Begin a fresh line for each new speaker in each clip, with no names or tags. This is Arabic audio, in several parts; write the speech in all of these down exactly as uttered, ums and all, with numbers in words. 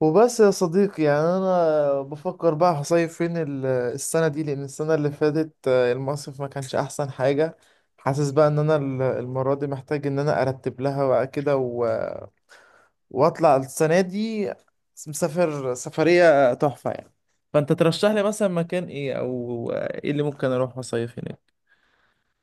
وبس يا صديقي، يعني انا بفكر بقى هصيف فين ال- السنه دي، لان السنه اللي فاتت آه، المصيف ما كانش احسن حاجه. حاسس بقى ان انا ال- المره دي محتاج ان انا ارتب لها بقى كده و- واطلع السنه دي، مسافر سفريه تحفه يعني. فانت ترشح لي مثلا مكان ايه، او ايه اللي ممكن اروح اصيف هناك؟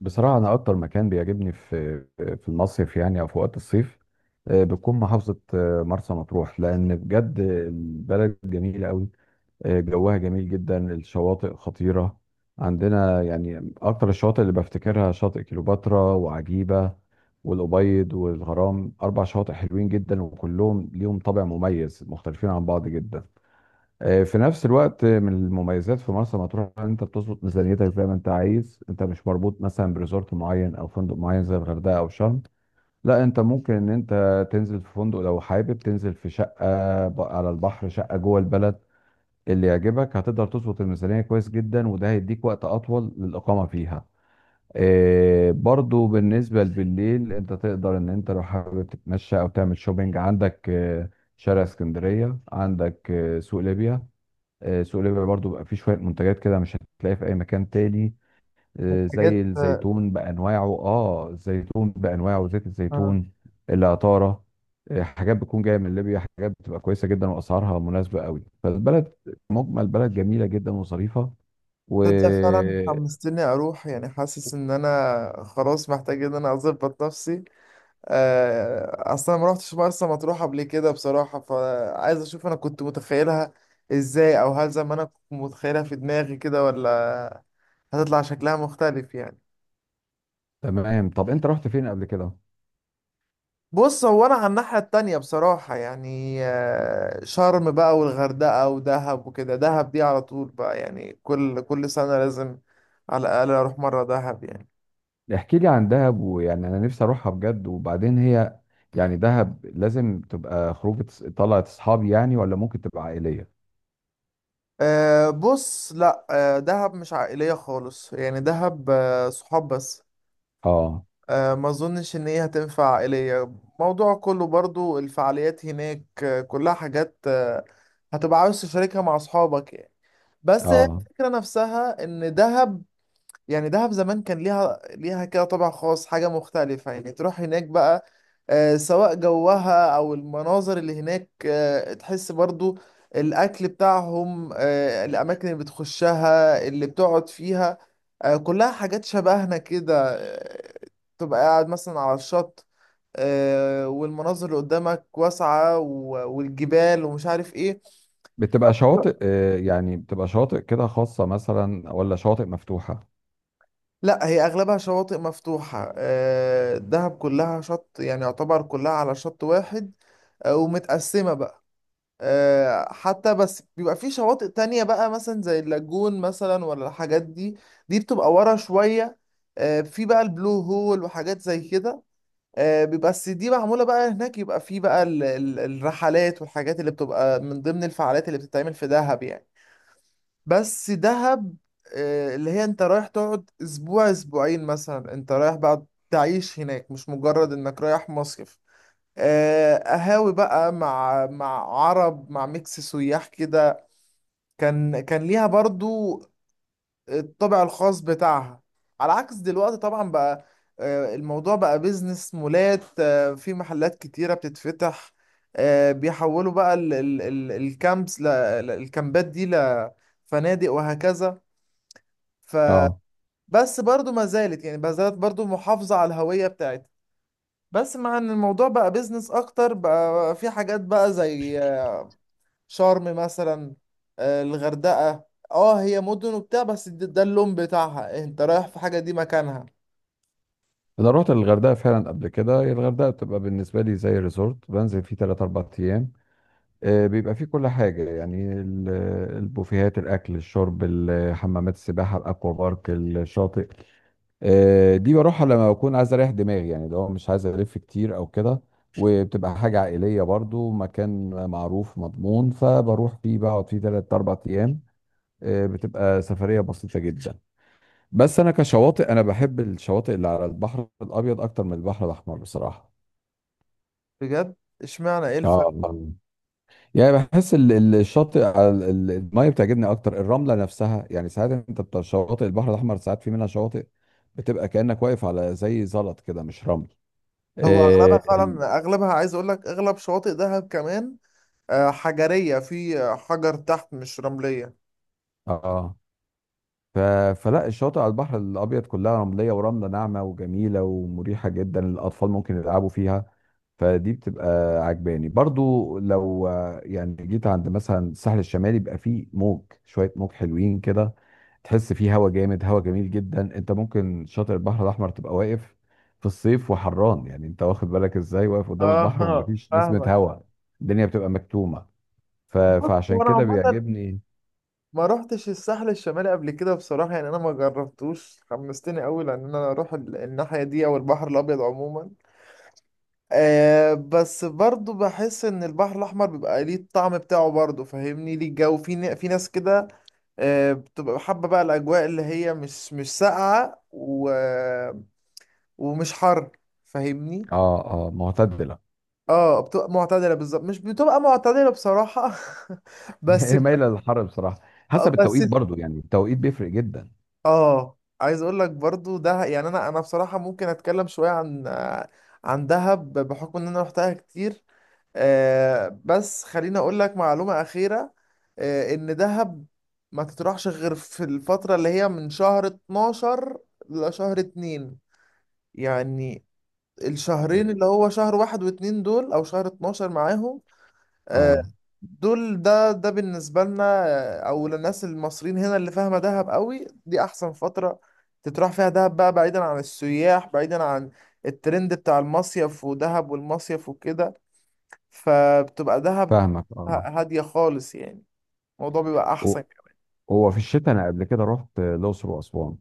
بصراحة أنا أكتر مكان بيعجبني في في المصيف يعني أو في وقت الصيف. آه، بتكون محافظة آه، مرسى مطروح لأن بجد البلد جميلة أوي. آه، جوها جميل جدا الشواطئ خطيرة عندنا يعني أكتر الشواطئ اللي بفتكرها شاطئ كليوباترا وعجيبة والأبيض والغرام أربع شواطئ حلوين جدا وكلهم ليهم طابع مميز مختلفين عن بعض جدا. آه، في نفس الوقت آه، من المميزات في مرسى مطروح ان انت بتظبط ميزانيتك زي ما انت عايز انت مش مربوط مثلا بريزورت معين او فندق معين زي الغردقه او شرم. لا انت ممكن ان انت تنزل في فندق لو حابب تنزل في شقه ب- على البحر شقه جوه البلد اللي يعجبك هتقدر تظبط الميزانيه كويس جدا وده هيديك وقت اطول للاقامه فيها. آه، برضو بالنسبه بالليل انت تقدر ان انت لو حابب تتمشى او تعمل شوبينج عندك، آه، شارع اسكندريه عندك آه، سوق ليبيا. آه، سوق ليبيا برضو بقى فيه شوية منتجات كده مش هتلاقيها في أي مكان تاني. آه، زي
حاجات.
الزيتون بأنواعه اه الزيتون بأنواعه زيت
آه.
الزيتون، العطارة. آه، حاجات بتكون جاية من ليبيا حاجات بتبقى كويسة جدا وأسعارها مناسبة قوي فالبلد. مجمل بلد جميلة جدا وظريفة
تصدق فعلا
وتمام.
حمستني اروح، يعني حاسس ان انا خلاص محتاج ان انا اظبط نفسي. آه، اصلا ما رحتش مرسى مطروح قبل كده بصراحه، فعايز اشوف انا كنت متخيلها ازاي، او هل زي ما انا كنت متخيلها في دماغي كده، ولا هتطلع شكلها مختلف يعني.
طب أنت رحت فين قبل كده؟
بص، هو انا على الناحيه التانية بصراحه، يعني آه، شرم بقى والغردقه ودهب وكده. دهب دي على طول بقى، يعني كل كل سنه لازم على الاقل اروح مره دهب يعني.
احكي لي عن دهب ويعني أنا نفسي أروحها بجد وبعدين هي يعني دهب لازم تبقى خروجة طلعت أصحابي يعني ولا ممكن تبقى عائلية؟
أه، بص، لا، أه دهب مش عائليه خالص يعني، دهب أه صحاب بس.
اه.
آه، ما اظنش ان هي هتنفع عائلية. موضوع كله برضو الفعاليات هناك، آه، كلها حاجات آه، هتبقى عاوز تشاركها مع اصحابك يعني. بس هي
اه
الفكرة نفسها ان دهب، يعني دهب زمان كان ليها ليها كده طابع خاص، حاجة مختلفة يعني، تروح هناك بقى آه، سواء جوها أو المناظر اللي هناك آه، تحس برضو الأكل بتاعهم آه، الأماكن اللي بتخشها اللي بتقعد فيها آه، كلها حاجات شبهنا كده. آه، تبقى قاعد مثلا على الشط آه، والمناظر اللي قدامك واسعة و- والجبال، ومش عارف ايه.
بتبقى شواطئ آه، يعني بتبقى شواطئ كده خاصة مثلا ولا شواطئ مفتوحة؟
لا، هي اغلبها شواطئ مفتوحه. آه، دهب كلها شط، يعني يعتبر كلها على شط واحد آه، ومتقسمه بقى. آه، حتى بس بيبقى في شواطئ تانية بقى، مثلا زي اللاجون مثلا، ولا الحاجات دي، دي بتبقى ورا شويه. آه، في بقى البلو هول وحاجات زي كده، آه، بيبقى بس دي معموله بقى هناك. يبقى في بقى ال- ال- الرحلات والحاجات اللي بتبقى من ضمن الفعاليات اللي بتتعمل في دهب يعني. بس دهب، آه، اللي هي انت رايح تقعد اسبوع اسبوعين مثلا، انت رايح بقى تعيش هناك، مش مجرد انك رايح مصيف. آه، قهاوي بقى مع مع عرب، مع ميكس سياح كده. كان كان ليها برضو الطابع الخاص بتاعها، على عكس دلوقتي طبعا بقى. آه، الموضوع بقى بيزنس، مولات، آه، في محلات كتيرة بتتفتح، آه، بيحولوا بقى ال- ال- ال- الكامبس ل- ل- الكامبات دي لفنادق وهكذا.
اه
فبس برضو ما زالت، يعني ما زالت برضو محافظة على الهوية بتاعتها، بس مع ان الموضوع بقى بيزنس اكتر بقى. في حاجات بقى زي آه، شرم مثلا، آه، الغردقة، اه هي مدن وبتاع، بس ده ده اللون بتاعها، انت رايح في حاجة دي مكانها.
انا رحت الغردقة فعلا قبل كده، هي الغردقة بتبقى بالنسبة لي زي ريزورت بنزل فيه ثلاث أربعة ايام. آه، بيبقى فيه كل حاجة يعني ال- البوفيهات الاكل الشرب ال- حمامات السباحة الاكوا بارك الشاطئ. آه، دي بروحها لما بكون عايز اريح دماغي يعني لو مش عايز الف كتير او كده وبتبقى حاجة عائلية برضو مكان معروف مضمون فبروح فيه بقعد فيه ثلاث اربعة ايام. آه، بتبقى سفرية بسيطة جدا. بس انا كشواطئ انا بحب الشواطئ اللي على البحر الابيض اكتر من البحر الاحمر بصراحة.
بجد؟ اشمعنى، ايه
اه
الفرق؟
آه. يعني بحس ال- ال- الشاطئ على ال- ال- المية بتعجبني اكتر الرملة نفسها يعني ساعات انت بتاع شواطئ البحر الاحمر ساعات في منها شواطئ بتبقى كأنك واقف على زي زلط كده مش رمل.
هو
اه
اغلبها
ال-
فعلا، اغلبها عايز اقول لك اغلب شواطئ دهب كمان، آه، حجرية، في حجر تحت، مش رملية.
آه. ف... فلا الشواطئ على البحر الابيض كلها رملية ورملة ناعمة وجميلة ومريحة جدا الاطفال ممكن يلعبوا فيها فدي بتبقى عجباني برضو لو آه، يعني جيت عند مثلا الساحل الشمالي بيبقى فيه موج شوية موج حلوين كده تحس فيه هوا جامد هوا جميل جدا انت ممكن شاطئ البحر الاحمر تبقى واقف في الصيف وحران يعني انت واخد بالك ازاي واقف قدام البحر
اه
ومفيش نسمة
فاهمك.
هوا. الدنيا بتبقى مكتومة. ف...
بص،
فعشان
هو انا
كده
عامه
بيعجبني.
ما روحتش الساحل الشمالي قبل كده بصراحة، يعني أنا ما جربتوش. حمستني أوي لأن أنا أروح ال- الناحية دي، أو البحر الأبيض عموما. أه، بس برضو بحس إن البحر الأحمر بيبقى ليه الطعم بتاعه برضو، فاهمني؟ ليه الجو في ن- في ناس كده أه بتبقى حابة بقى الأجواء اللي هي مش مش ساقعة، و... ومش حر، فاهمني؟
اه اه معتدلة.
اه، بتبقى معتدلة بالظبط، مش بتبقى معتدلة بصراحة. بس
هي مايلة للحر بصراحة، حسب
بس
التوقيت برضو يعني التوقيت بيفرق جدا.
اه، عايز اقول لك برضو ده، يعني انا انا بصراحه ممكن اتكلم شويه عن آه، عن دهب، بحكم ان انا روحتها كتير. آه، بس خليني اقول لك معلومه اخيره آه، ان دهب ما تطرحش غير في الفتره اللي هي من شهر اتناشر لشهر اتنين، يعني الشهرين اللي هو شهر واحد واتنين دول، او شهر اتناشر معاهم. آه،
اه
دول، ده ده بالنسبة لنا آه، أو للناس المصريين هنا اللي فاهمة دهب قوي، دي أحسن فترة تتراح فيها دهب بقى، بعيدا عن السياح، بعيدا عن الترند بتاع المصيف ودهب والمصيف وكده. فبتبقى دهب
فاهمك
ه-
اه.
هادية خالص يعني، الموضوع بيبقى أحسن كمان.
هو في الشتاء انا قبل كده رحت الاقصر واسوان،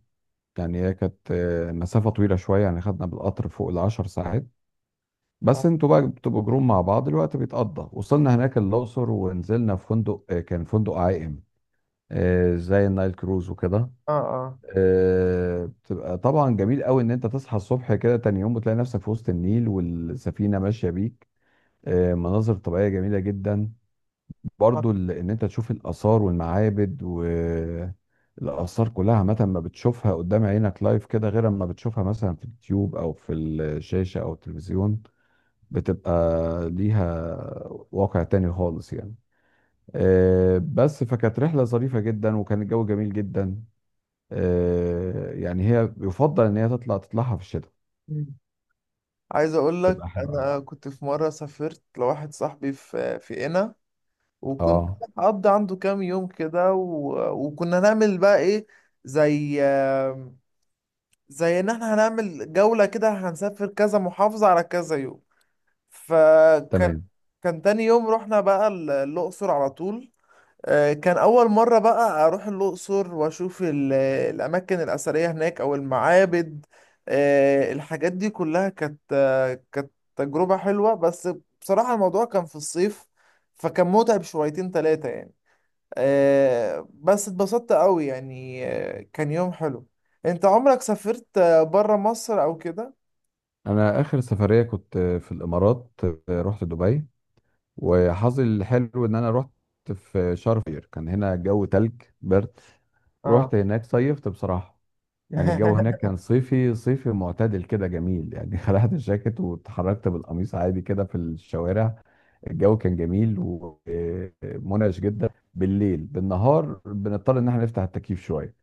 يعني هي كانت آه، مسافه طويله شويه يعني خدنا بالقطر فوق العشر ساعات بس
اه،
انتوا بقى بتبقوا جروب مع بعض الوقت بيتقضى. وصلنا هناك الاقصر ونزلنا في فندق آه، كان فندق عائم، آه، زي النايل كروز وكده.
اه.
آه، بتبقى طبعا جميل قوي ان انت تصحى الصبح كده تاني يوم بتلاقي نفسك في وسط النيل والسفينه ماشيه بيك. آه، مناظر طبيعيه جميله جدا. برضو ال- ان انت تشوف الاثار والمعابد والاثار كلها عامه ما بتشوفها قدام عينك لايف كده غير اما بتشوفها مثلا في اليوتيوب او في الشاشه او التلفزيون. بتبقى ليها واقع تاني خالص يعني. آه، بس فكانت رحله ظريفه جدا وكان الجو جميل جدا. آه، يعني هي يفضل ان هي تطلع تطلعها في الشتاء.
مم. عايز أقول
تبقى
لك،
حلوه أوي.
أنا كنت في مرة سافرت لواحد صاحبي في في قنا، وكنت
اه
هقضي عنده كام يوم كده و... وكنا نعمل بقى ايه، زي زي ان احنا هنعمل جولة كده، هنسافر كذا محافظة على كذا يوم. فكان
تمام.
كان تاني يوم رحنا بقى ال- الأقصر على طول. آه، كان أول مرة بقى أروح الأقصر وأشوف ال- الأماكن الأثرية هناك أو المعابد آه، الحاجات دي كلها. كانت آه، كانت تجربة حلوة، بس بصراحة الموضوع كان في الصيف، فكان متعب شويتين تلاتة يعني. آه، بس اتبسطت قوي يعني، آه، كان يوم حلو. انت عمرك سافرت بره مصر او كده؟
انا اخر سفريه كنت في الامارات، آه، رحت دبي. وحظي الحلو ان انا رحت في شهر فبراير كان هنا الجو تلج برد.
اه.
رحت هناك صيفت بصراحة، يعني الجو هناك كان صيفي صيفي معتدل كده جميل يعني خلعت الجاكيت واتحركت بالقميص عادي كده في الشوارع. الجو كان جميل ومنعش جدا بالليل، بالنهار بنضطر ان احنا نفتح التكييف شوية.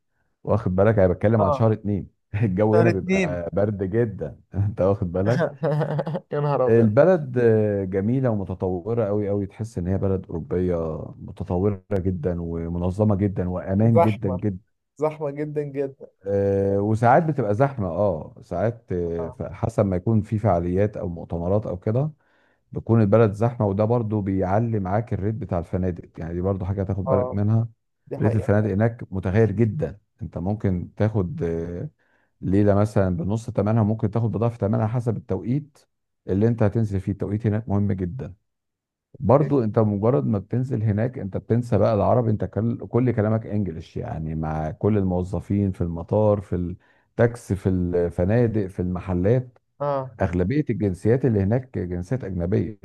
واخد بالك انا بتكلم عن
اه،
شهر اتنين الجو
شهر
هنا
اتنين؟
بيبقى برد جدا انت واخد بالك.
يا نهار ابيض!
البلد آه، جميلة ومتطورة أوي أوي تحس إن هي بلد أوروبية متطورة جدا ومنظمة جدا وأمان جدا
زحمة؟
جدا.
زحمة جدا جدا؟
آه، وساعات بتبقى زحمة اه ساعات آه،
اه.
ف- حسب ما يكون في فعاليات أو مؤتمرات أو كده بتكون البلد زحمة وده برضو بيعلي معاك الريت بتاع الفنادق يعني دي برضو حاجة تاخد بالك
اه،
منها.
دي
ريت الفنادق
حقيقة.
هناك متغير جدا، أنت ممكن تاخد آه، ليلة مثلا بنص تمنها ممكن تاخد بضعف تمنها حسب التوقيت اللي أنت هتنزل فيه. التوقيت هناك مهم جدا. برضو انت مجرد ما بتنزل هناك انت بتنسى بقى العربي انت كل كل كلامك انجلش يعني مع كل الموظفين في المطار في التاكسي في الفنادق في المحلات.
اه.
اغلبية الجنسيات اللي هناك جنسيات اجنبية،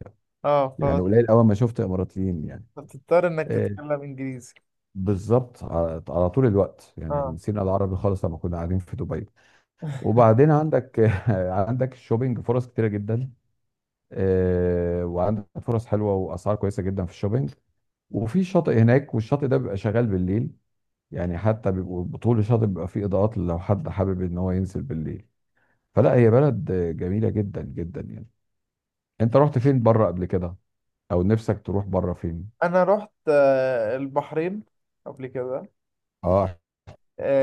اه.
يعني
فبت-
قليل اول ما شفت اماراتيين يعني.
فبتضطر انك
آه،
تتكلم انجليزي.
بالظبط على على طول الوقت يعني
اه.
نسينا العربي خالص لما كنا قاعدين في دبي. وبعدين عندك عندك الشوبينج فرص كتيرة جدا. آه، وعندك فرص حلوة واسعار كويسة جدا في الشوبينج. وفي شاطئ هناك والشاطئ ده بيبقى شغال بالليل يعني حتى بيبقوا طول الشاطئ بيبقى فيه اضاءات لو حد حابب ان هو ينزل بالليل. فلا هي بلد جميلة جدا جدا يعني. انت رحت فين بره قبل كده، او نفسك تروح بره فين؟
انا رحت آه، البحرين قبل كده.
اه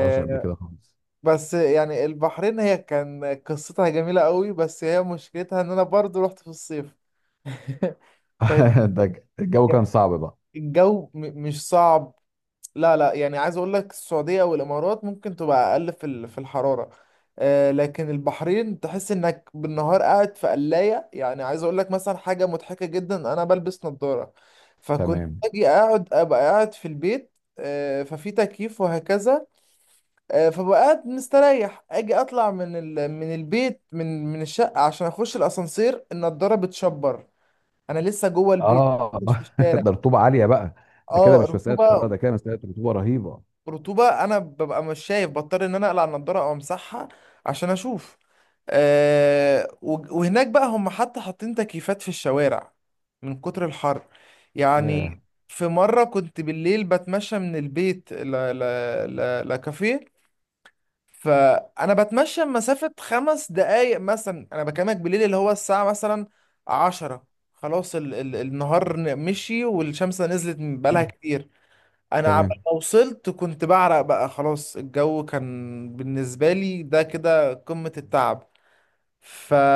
رحتش قبل كده خالص.
بس يعني البحرين، هي كان قصتها جميلة قوي، بس هي مشكلتها ان انا برضو رحت في الصيف.
ده ج- الجو كان صعب بقى.
فالجو، م- مش صعب، لا، لا، يعني عايز اقول لك، السعودية والامارات ممكن تبقى اقل في ال- في الحرارة، آه، لكن البحرين تحس انك بالنهار قاعد في قلاية. يعني عايز اقول لك مثلا حاجة مضحكة جدا، انا بلبس نظارة، فكنت
تمام
اجي اقعد، ابقى قاعد في البيت، آه، ففي تكييف وهكذا، آه، فبقعد مستريح، اجي اطلع من ال... من البيت، من من الشقه، عشان اخش الاسانسير، النضاره بتشبر، انا لسه جوه البيت،
اه.
مش في الشارع.
ده رطوبة عالية بقى. ده كده
اه،
مش مسألة حرارة
رطوبه،
ده كده مسألة رطوبة رهيبة.
رطوبه، انا ببقى مش شايف، بضطر ان انا اقلع النضاره او امسحها عشان اشوف. أه، و- وهناك بقى هم حتى حاطين تكييفات في الشوارع، من كتر الحر
ياه
يعني. في مرة كنت بالليل بتمشى من البيت ل... ل... ل... لكافيه، فانا بتمشى مسافه خمس دقايق مثلا، انا بكلمك بالليل اللي هو الساعه مثلا عشرة، خلاص ال ال النهار ن- مشي، والشمس نزلت من بقالها كتير، انا عبال
تمام.
ما وصلت كنت بعرق بقى، خلاص الجو كان بالنسبه لي ده كده قمه التعب.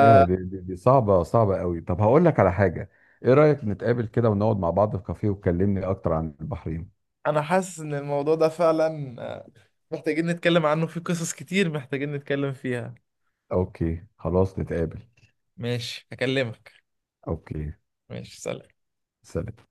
يا دي, دي, دي صعبة صعبة قوي. طب هقول لك على حاجة، ايه رأيك نتقابل كده ونقعد مع بعض في كافيه وتكلمني اكتر عن البحرين؟
حاسس ان الموضوع ده فعلا آه، محتاجين نتكلم عنه، في قصص كتير محتاجين نتكلم فيها.
اوكي خلاص نتقابل.
ماشي، هكلمك.
اوكي
ماشي، سلام.
سلام.